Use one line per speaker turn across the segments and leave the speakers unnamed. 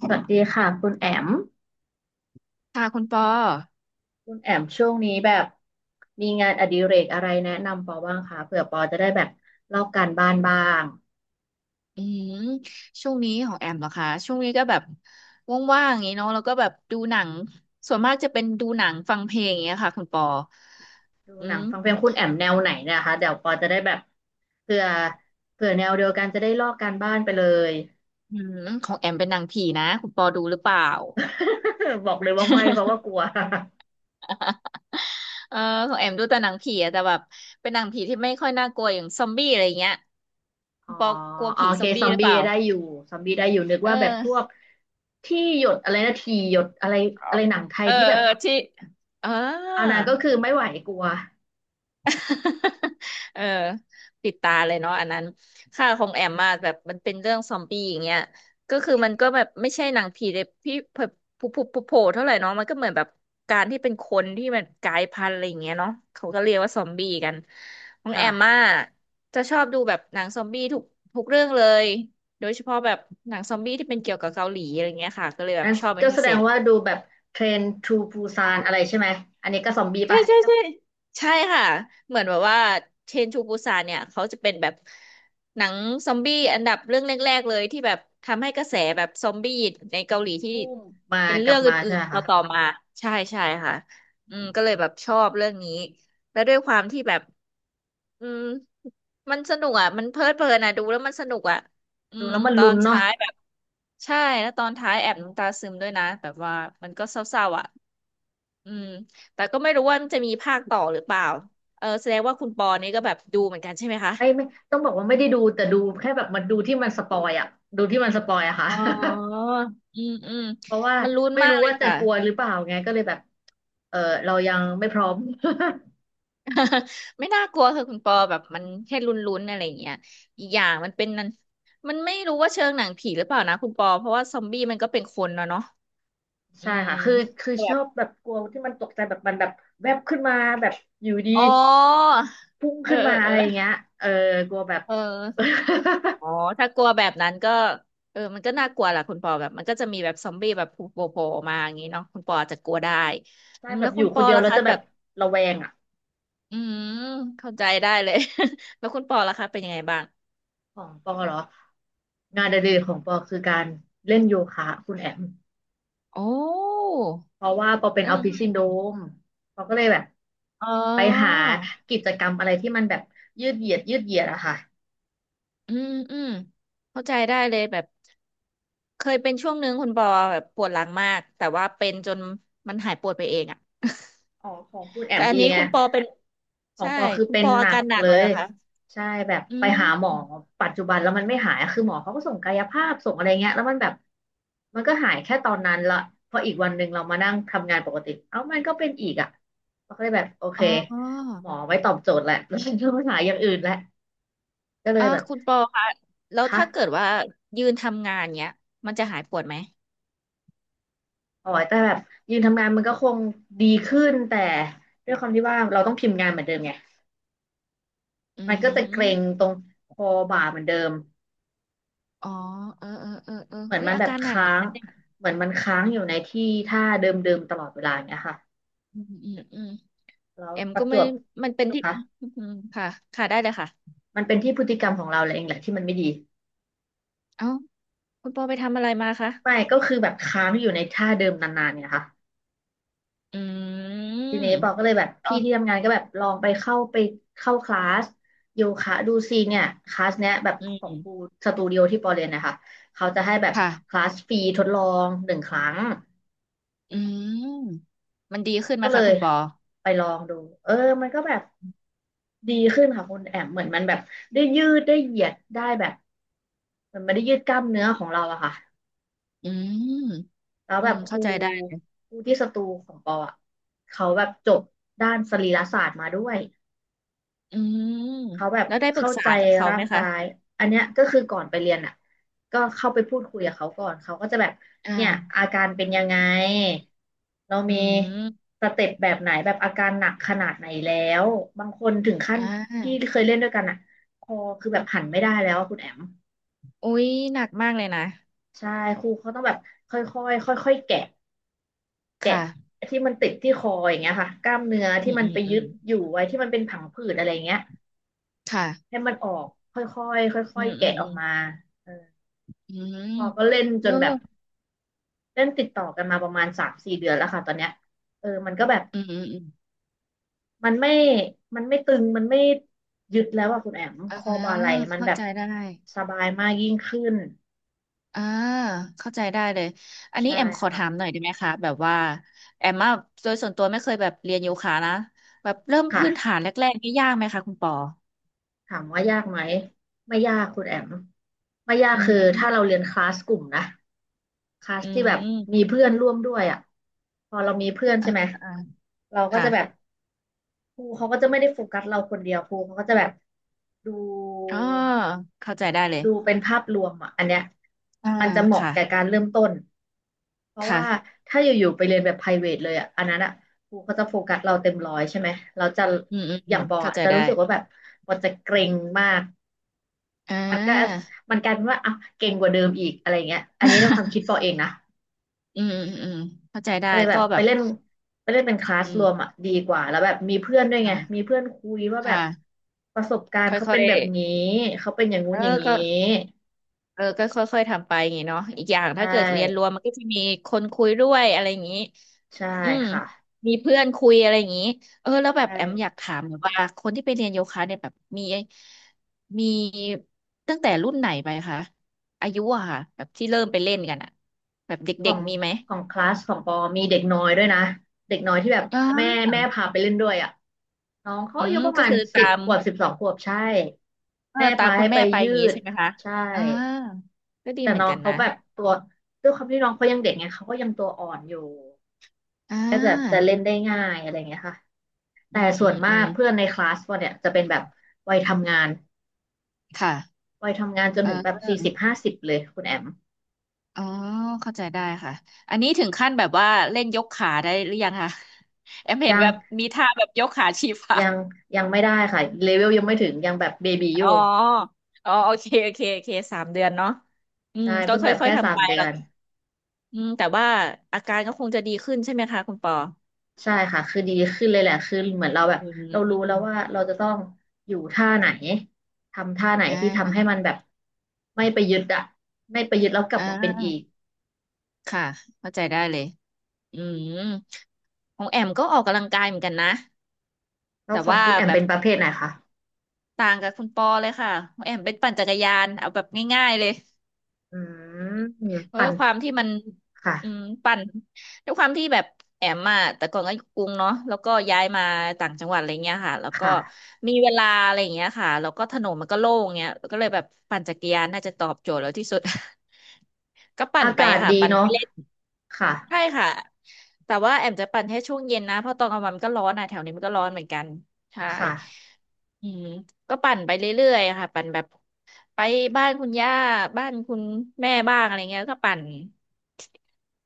สวัสดีค่ะคุณแอม
ค่ะคุณปอ
คุณแอมช่วงนี้แบบมีงานอดิเรกอะไรแนะนำปอบ้างคะเผื่อปอจะได้แบบลอกการบ้านบ้าง
อืมช่วงนี้ของแอมเหรอคะช่วงนี้ก็แบบว่างๆอย่างนี้เนาะแล้วก็แบบดูหนังส่วนมากจะเป็นดูหนังฟังเพลงอย่างเงี้ยค่ะคุณปอ
ดู
อื
หนัง
ม
ฟังเพลงคุณแอมแนวไหนเนะคะเดี๋ยวปอจะได้แบบเผื่อเผื่อแนวเดียวกันจะได้ลอกการบ้านไปเลย
อืมของแอมเป็นหนังผีนะคุณปอดูหรือเปล่า
บอกเลยว่าไม่เพราะว่ากลัว
เออของแอมดูแต่หนังผีอะแต่แบบเป็นหนังผีที่ไม่ค่อยน่ากลัวอย่างซอมบี้อะไรเงี้ย
อ๋
คุ
อ
ณปอกลัวผี
โอเค
ซอม
ซ
บี้
อม
หรือ
บี้
เปล่า
ได้อยู่ซอมบี้ได้อยู่นึก
เอ
ว่าแบบพวก
อ
ที่หยดอะไรนะทีหยดอะไรอะไรหนังไท
เอ
ย
อ
ที่แบ
เอ
บ
อที่เออ
อันนั้นก็คือไม่ไหวกลัว
เออปิดตาเลยเนาะอันนั้นค่าของแอมมาแบบมันเป็นเรื่องซอมบี้อย่างเงี้ยก็คือมันก็แบบไม่ใช่หนังผีเลยพี่บผุผุผุโผล่เท่าไหร่เนาะมันก็เหมือนแบบการที่เป็นคนที่มันกลายพันธุ์อะไรอย่างเงี้ยเนาะเขาก็เรียกว่าซอมบี้กันของแอมมา
ค่ะ
จะชอบดูแบบหนังซอมบี้ทุกเรื่องเลยโดยเฉพาะแบบหนังซอมบี้ที่เป็นเกี่ยวกับเกาหลีอะไรเงี้ยค่ะก็เลยแบบ
งั้น
ชอบเป็
ก็
น
แส
พิ
ด
เศ
ง
ษ
ว่าดูแบบเทรนทูปูซานอะไรใช่ไหม อันนี้ก็ซอมบี้
ใช่
ปะ
ใช่ใช่ใช่ค่ะเหมือนแบบว่าเชนชูปูซานเนี่ยเขาจะเป็นแบบหนังซอมบี้อันดับเรื่องแรกๆเลยที่แบบทำให้กระแสแบบซอมบี้ในเกาหลีที่
บูมมา
เป็น
ก
เรื่
ลั
อ
บ
ง
มา
อื่
ใช่
น
ไหม
ๆ
คะ
ต่อๆมาใช่ใช่ค่ะอืมก็เลยแบบชอบเรื่องนี้แล้วด้วยความที่แบบอืมมันสนุกอ่ะมันเพลิดเพลินอ่ะดูแล้วมันสนุกอ่ะอื
ดู
ม
แล้วมัน
ตอ
ลุ้
น
นเนาะ
ท้ายแบบใช่แล้วตอนท้ายแอบน้ำตาซึมด้วยนะแบบว่ามันก็เศร้าๆอ่ะ อืมแต่ก็ไม่รู้ว่าจะมีภาคต่อหรือเปล่าเออแสดงว่าคุณปอนี่ก็แบบดูเหมือนกันใช่ไหมคะ
ไม่ไม่ต้องบอกว่าไม่ได้ดูแต่ดูแค่แบบมันดูที่มันสปอยอะดูที่มันสปอยอะค่ะ
อ๋อ อืมอืม
เพราะว่า
มันลุ้น
ไม่
มา
รู้
กเล
ว่า
ย
จะ
ค่ะ
กลัวหรือเปล่าไงก็เลยแบบเออเรายังไม่พร้อม
ไม่น่ากลัวค่ะคุณปอแบบมันแค่ลุ้นๆอะไรอย่างเงี้ยอีกอย่างมันเป็นนันมันไม่รู้ว่าเชิงหนังผีหรือเปล่านะคุณปอเพราะว่าซอมบี้มันก็เป็นคนเนาะเนาะ อื
ใช่
ม
ค่ะคือคือ
แบ
ชอ
บ
บแบบกลัวที่มันตกใจแบบมันแบบแวบขึ้นมาแบบอยู่ดี
อ๋อ
พุ่ง
เออ
ขึ้น
เอ
มา
อเอ
อะ
อ
ไรอย่างเงี้ยเออกลัวแบบ
เออ อ๋อ ถ้ากลัวแบบนั้นก็เออมันก็น่ากลัวแหละคุณปอแบบมันก็จะมีแบบซอมบี้แบบโผล่มาอย่างนี้เนาะคุณปออาจจะกลัวได้
ได้
อืม
แบ
แล้
บ
ว
อ
คุ
ยู่
ณป
คน
อ
เดียว
ล่ะ
แล้ว
คะ
จะแบ
แบ
บ
บ
ระแวงอ่ะ
อืมเข้าใจได้เลย แล้วคุณปอล่ะคะเป็นยังไงบ้าง
ของปอเหรองานอดิเรกของปอคือการเล่นโยคะคุณแอม
โอ้
เพราะว่าปอเป็น
อื
ออ
ม
ฟฟิศ
อ
ซินโดร
ม
มปอก็เลยแบบ
อ๋
ไปหา
อ
กิจกรรมอะไรที่มันแบบยืดเหยียดยืดเหยียดอะค่ะ
อืมอืมเข้าใจได้เลยแบบเคยเป็นช่วงนึงคุณปอแบบปวดหลังมากแต่ว่าเป็นจนมันหายปวดไปเองอะ
อ๋อของคุณแอ
แต่
ม
อัน
ดี
นี้
ไง
คุณปอเป็น
ของ
ใช่
ปอคือ
คุณ
เป็น
ปอ
ห
อา
นัก
การหนัก
เล
เลยเห
ย
รอคะ
ใช่แบบ
อื
ไปหาหมอ
ม
ปัจจุบันแล้วมันไม่หายคือหมอเขาก็ส่งกายภาพส่งอะไรเงี้ยแล้วมันแบบมันก็หายแค่ตอนนั้นละพออีกวันหนึ่งเรามานั่งทำงานปกติเอ้ามันก็เป็นอีกอ่ะเราก็เลยแบบโอเค
อ๋อ
หมอไว้ตอบโจทย์แหละ แล้วฉันก็หาอย่างอื่นแหละก็เลย
อ่า
แบบ
คุณปอคะแล้วถ้าเกิด
ค่ะ
ว่ายืนทำงานเนี้ยมันจะหายปวดไหม
อ๋อแต่แบบยืนทำงานมันก็คงดีขึ้นแต่ด้วยความที่ว่าเราต้องพิมพ์งานเหมือนเดิมไง
อื
มันก็จะเก
ม
ร็งตรงคอบ่าเหมือนเดิม
อ๋อเออเออเออเออ
เหมือน
เฮ้ย
มัน
อา
แบบ
การหนักเห
ค้า
มือน
ง
กันเนี่ย
เหมือนมันค้างอยู่ในที่ท่าเดิมๆตลอดเวลาอย่างเงี้ยค่ะ
อืมอืมอืม
แล้ว
เอ็ม
ป
ก็
ระจ
ไม่
วบ
มันเป็นที่
ค่ะ
อืมค่ะค่ะได้เลยค่ะ
มันเป็นที่พฤติกรรมของเราเองแหละที่มันไม่ดี
เอ้าคุณปอไปทำอะไรมาคะ
ไม่ก็คือแบบค้างอยู่ในท่าเดิมนานๆเนี่ยค่ะ
อื
ทีนี้
ม
ปอก็เลยแบบ
อ๋อ
พี่ที่ทำงานก็แบบลองไปเข้าไปเข้าคลาสโยคะดูซิเนี่ยคลาสเนี้ยแบบ
อื
ของครู
ม
สตูดิโอที่ปอเรียนนะคะเขาจะให้แบบค
ค่ะ
ลาสฟรีทดลอง1 ครั้ง
อืมมันดีขึ้นไหม
ก็เล
คะ
ย
คุณปอ
ไปลองดูเออมันก็แบบดีขึ้นค่ะคุณแอมเหมือนมันแบบได้ยืดได้เหยียดได้แบบเหมันไม่ได้ยืดกล้ามเนื้อของเราอะค่ะ
อืม
แล้ว
อื
แบ
ม
บครู
เข้าใจได้
ครูที่สตูของปออะเขาแบบจบด้านสรีรศาสตร์มาด้วย
อืม
เขาแบบ
แล้วได้ปรึ
เข้า
กษา
ใจ
กับเขา
ร่า
ไหม
ง
คะ
กายอันเนี้ยก็คือก่อนไปเรียนอ่ะก็เข้าไปพูดคุยกับเขาก่อนเขาก็จะแบบ
อ่
เนี่ย
า
อาการเป็นยังไงเรา
อื
มี
ม
สเต็ปแบบไหนแบบอาการหนักขนาดไหนแล้วบางคนถึงขั้น
อ่า
ที่เคยเล่นด้วยกันอ่ะคอคือแบบหันไม่ได้แล้วอะคุณแอม
อุ๊ยหนักมากเลยนะ
ใช่ครูเขาต้องแบบค่อยๆค่อยๆแกะ
ค
แกะ
่ะ
ที่มันติดที่คออย่างเงี้ยค่ะกล้ามเนื้อ
อื
ที่
ม
มัน
อื
ไป
มอื
ยึ
ม
ดอยู่ไว้ที่มันเป็นผังผืดอะไรเงี้ย
ค่ะ
ให้มันออกค่อยๆค่
อื
อย
ม
ๆ
อื
แกะ
ม
อ
อื
อก
ม
มาเออ
อืม
พอก็เล่นจ
เออ
นแบบเล่นติดต่อกันมาประมาณ3-4 เดือนแล้วค่ะตอนเนี้ยเออมันก็แบบ
อืมอืมอืม
มันไม่มันไม่ตึงมันไม่ยึดแล้วอะคุณแอม
เ
คอบ่าไหล่มัน
เข้า
แบบ
ใจได้
สบายมากยิ่งขึ้น
อ่าเข้าใจได้เลยอันนี้
ใช่
แอมขอ
ค่ะ
ถามหน่อยได้ไหมคะแบบว่าแอมอะโดยส่วนตัวไม่เคยแบบเรียนโยคะนะแบบเริ่มพื้นฐาน
ค่ะ
แรกๆนี่ยากไหมคะคุณปอ
ถามว่ายากไหมไม่ยากคุณแอมไม่ยาก
อื
คือถ้า
ม
เราเรียนคลาสกลุ่มนะคลาส
อื
ที่แบบมี
ม
เพื่อนร่วมด้วยอ่ะพอเรามีเพื่อน
อ่า
ใช่ไหม
อ่า
เราก็
ค่ะ
จะแบบครูเขาก็จะไม่ได้โฟกัสเราคนเดียวครูเขาก็จะแบบดู
อ๋อเข้าใจได้เลย
ดูเป็นภาพรวมอ่ะอันเนี้ย
อ่า
มันจะเหมาะ
ค่ะ
แก่การเริ่มต้นเพราะ
ค่ะ
ว่าถ้าอยู่ๆไปเรียนแบบ private เลยอ่ะอันนั้นอ่ะครูเขาจะโฟกัสเราเต็มร้อยใช่ไหมเราจะ
อืมอืม
อ
อื
ย่า
ม
งปอ
เข้า
อะ
ใจ
จะ
ได้
รู้สึกว่าแบบปอจะเกรงมาก
อ่
มันก็
า
มันกลายเป็นว่าอ่ะเกรงกว่าเดิมอีกอะไรเงี้ยอันนี้ในความคิด ปอเองนะ
อืมอืมอืมเข้าใจได้
ก็เลยแบ
ก็
บ
แบ
ไป
บ
เล่นไปเล่นเป็นคลาส
อื
ร
ม
วมอ่ะดีกว่าแล้วแบบมีเพื่อนด้วยไงมี
ค่ะ
เพื่อนคุยว่าแบบ
ค่ะ
ประสบการ
ค
ณ์เขา
่อ
เป็น
ย
แบบนี้เขาเป็นอย่าง
ๆ
งู้
เอ
น
อ
อย่างนี้
ก็เออก็ค่อยๆทำไปอย่างงี้เนาะอีกอย่าง
ใช
ถ้าเกิดเรียนรว
่
มมันก็จะมีคนคุยด้วยอะไรอย่างงี้
ใช่
อืม
ค่ะ
มีเพื่อนคุยอะไรอย่างงี้เออแล้วแบบ
ใช่
แอมอยากถามหน่อยว่าคนที่ไปเรียนโยคะเนี่ยแบบมีตั้งแต่รุ่นไหนไปคะอายุอะค่ะแบบที่เริ่มไปเล่นกันอะแบบ
ขอ
เด็ก
ง
ๆมีไหม
ของคลาสของปอมีเด็กน้อยด้วยนะเด็กน้อยที่แบบ
อ่
แม่
า
แม่พาไปเล่นด้วยอ่ะน้องเขา
อื
อายุ
ม
ประ
ก็
มาณ
คือ
สิ
ตา
บ
ม
ขวบ12 ขวบใช่
เออ
แม่
ตา
พา
มคุ
ให้
ณ
ไป
แม่ไป
ยื
อย่างงี้
ด
ใช่ไหมคะ
ใช่
อ่าก็ดี
แต่
เหมือ
น้
น
อง
กัน
เขา
นะ
แบบตัวด้วยความที่น้องเขายังเด็กไงเขาก็ยังตัวอ่อนอยู่
อ่
ก็จะ
า
เล่นได้ง่ายอะไรเงี้ยค่ะ
อื
แต่
ม
ส่
อื
วน
ม
มา
อื
ก
ม
เพื่อนในคลาสว่าเนี่ยจะเป็นแบบวัยทำงาน
ค่ะ
วัยทำงานจนถึงแบบ
เออ
4050เลยคุณแอม
อ๋อเข้าใจได้ค่ะอันนี้ถึงขั้นแบบว่าเล่นยกขาได้หรือยังคะ แอมเห็
ยั
น
ง
แบบมีท่าแบบยกขาชี้ฟ้า
ยังยังไม่ได้ค่ะเลเวลยังไม่ถึงยังแบบเบบีอ
อ๋
ยู่
ออ๋อโอเคโอเคโอเค3 เดือนเนาะอื
ใช่
มก็
เพิ่งแบบ
ค่อย
แค่
ๆ
สา
ทำ
ม
ไป
เดื
หร
อ
อก
น
อืมแต่ว่าอาการก็คงจะดีขึ้นใช่ไหมคะคุณปอ
ใช่ค่ะคือดีขึ้นเลยแหละคือเหมือนเราแบบ
อื
เรารู้แล้ว
ม
ว่าเราจะต้องอยู่ท่าไหนทำท่าไหน
อ่
ที่ทำให้
า
มันแบบไม่ไปยึดอะไม่ไปยึดแล้วกลั
อ่
บมาเป็นอี
า
ก
ค่ะเข้าใจได้เลย อืมของแอมก็ออกกำลังกายเหมือนกันนะ
แล้ว
แต่
ของ
ว่า
คุณแอม
แบ
เป็
บ
นประเภทไหนคะ
ต่างกับคุณปอเลยค่ะของแอมเป็นปั่นจักรยานเอาแบบง่ายๆเลย
อืม
เพราะ
ปั่
ด้
น
วยความที่มันอืม
ค่ะ
ปั่นด้วยความที่แบบแอมอ่ะแต่ก่อนก็อยู่กรุงเนาะแล้วก็ย้ายมาต่างจังหวัดอะไรเงี้ยค่ะแล้วก็
ค่ะ
มีเวลาอะไรเงี้ยค่ะแล้วก็ถนนมันก็โล่งเงี้ยก็เลยแบบปั่นจักรยานน่าจะตอบโจทย์แล้วที่สุด ก็ปั่น
อา
ไป
กาศ
ค่ะ
ดี
ปั่นไป
เนาะ
เล่น
ค่ะ
ใช่ค่ะแต่ว่าแอมจะปั่นให้ช่วงเย็นนะเพราะตอนกลางวันมันก็ร้อนอ่ะแถวนี้มันก็ร้อนเหมือนกันใช่
ค่ะ
อืมก็ปั่นไปเรื่อยๆค่ะปั่นแบบไปบ้านคุณย่าบ้านคุณแม่บ้างอะไรเงี้ยก็ปั่น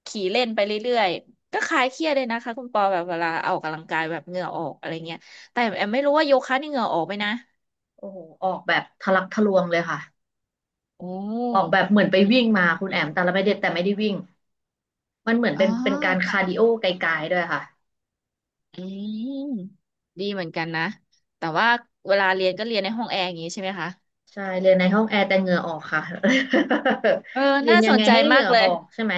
ขี่เล่นไปเรื่อยๆก็คลายเครียดเลยนะคะคุณปอแบบเวลาออกกำลังกายแบบเหงื่อออกอะไรเงี้ยแต่แอมไม่รู้ว่าโยคะนี่เหงื่อออกไหมนะ
โอ้โหออกแบบทะลักทะลวงเลยค่ะ
โอ้
ออกแบ
อ
บเหมือนไปวิ่งมาคุณแอมแต่
ม
เราไม่ได้แต่ไม่ได้วิ่งมันเหมือน
อ๋
เป็
อ
นเป็นการคาร์ดิโอไกลๆด้วยค่ะ
อืมดีเหมือนกันนะแต่ว่าเวลาเรียนก็เรียนในห้องแอร์อย่างนี้ใช่ไหมคะ
ใช่เรียนในห้องแอร์แต่เหงื่อออกค่ะ
เออ
เรียน
น่า
ยั
ส
ง
น
ไง
ใจ
ให้เห
มา
งื่
ก
อ
เล
อ
ย
อกใช่ไหม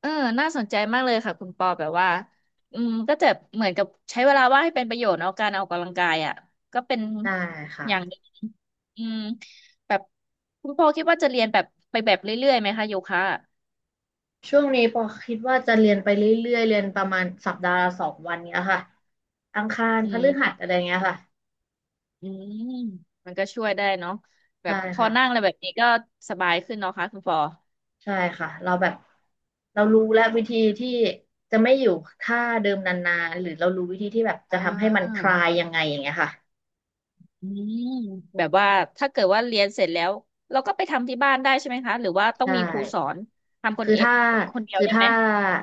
เออน่าสนใจมากเลยค่ะคุณปอแบบว่าอืมก็จะเหมือนกับใช้เวลาว่างให้เป็นประโยชน์เอาการออกกำลังกายอ่ะก็เป็น
ได้
อย่างห
ค่ะ
นึ่งอืมแบบคุณปอคิดว่าจะเรียนแบบไปแบบเรื่อยๆไหมคะโยคะอะ
ช่วงนี้ปอคิดว่าจะเรียนไปเรื่อยๆเรียนประมาณสัปดาห์ละ2 วันเนี้ยค่ะอังคาร
อื
พฤ
ม
หัสอะไรเงี้ยค่ะ
อืมมันก็ช่วยได้เนาะแบ
ใช่
บพอนั่งอะ
ค่ะ
ไรแบบนี้ก็สบายขึ้นเนาะคะคุณปอ
ใช่ค่ะเราแบบเรารู้แล้ววิธีที่จะไม่อยู่ท่าเดิมนานๆหรือเรารู้วิธีที่แบบจะ
อ่
ทำให้มันค
า
ลายยังไงอย่างเงี้ยค่ะ
อืมแบบว่าถ้าเกิดว่าเรียนเสร็จแล้วเราก็ไปทำที่บ้านได้ใช่ไหมคะหรือว่าต้อง
ใช่
มีครูสอนทำ
คือถ้า
คนเดียว
คือ
ได้ไห
ถ้า
ม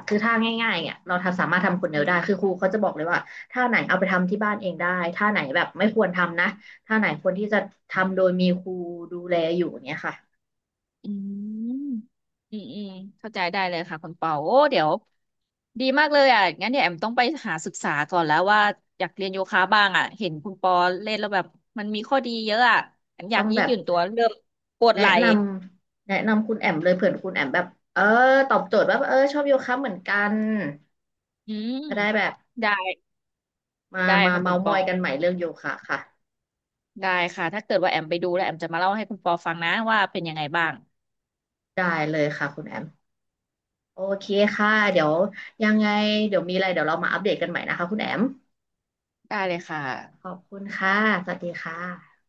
คือถ้าง่ายๆเนี่ยเราทำสามารถทำคนเดี
อื
ยวได้คือครู
ม
เขาจะบอกเลยว่าท่าไหนเอาไปทำที่บ้านเองได้ท่าไหนแบบไม่ควรทำนะท่าไหนควรที่จะ
อื
ทำโด
ม
ยมีครูดูแลอยู่เนี่ยค่ะ
อืมอืมเข้าใจได้เลยค่ะคุณเปาโอ้เดี๋ยวดีมากเลยอ่ะงั้นเดี๋ยวแอมต้องไปหาศึกษาก่อนแล้วว่าอยากเรียนโยคะบ้างอ่ะเห็นคุณปอเล่นแล้วแบบมันมีข้อดีเยอะอ่ะแอมอ
ต้
ยา
อ
ก
ง
ยื
แบ
ดห
บ
ยุ่นตัวเริ่มปวด
แนะ
ไหล่
นแนะนำคุณแอมเลยเผื่อคุณแอมแบบเออตอบโจทย์ว่าเออชอบโยคะเหมือนกัน
อืม
จะได้แบบ
ได้
มา
ได้
มา
ค่ะคุ
เมา
ณ
ท์
ป
มอ
อ
ยกันใหม่เรื่องโยคะค่ะ
ได้ค่ะ ถ้าเกิดว่าแอมไปดูแล้วแอมจะมาเล่าให้คุณปอฟังนะว่าเป็นยังไงบ้าง
ได้เลยค่ะคุณแอมโอเคค่ะเดี๋ยวยังไงเดี๋ยวมีอะไรเดี๋ยวเรามาอัปเดตกันใหม่นะคะคุณแอม
ได้เลยค่ะ
ขอบคุณค่ะ สวัสดีค่ะ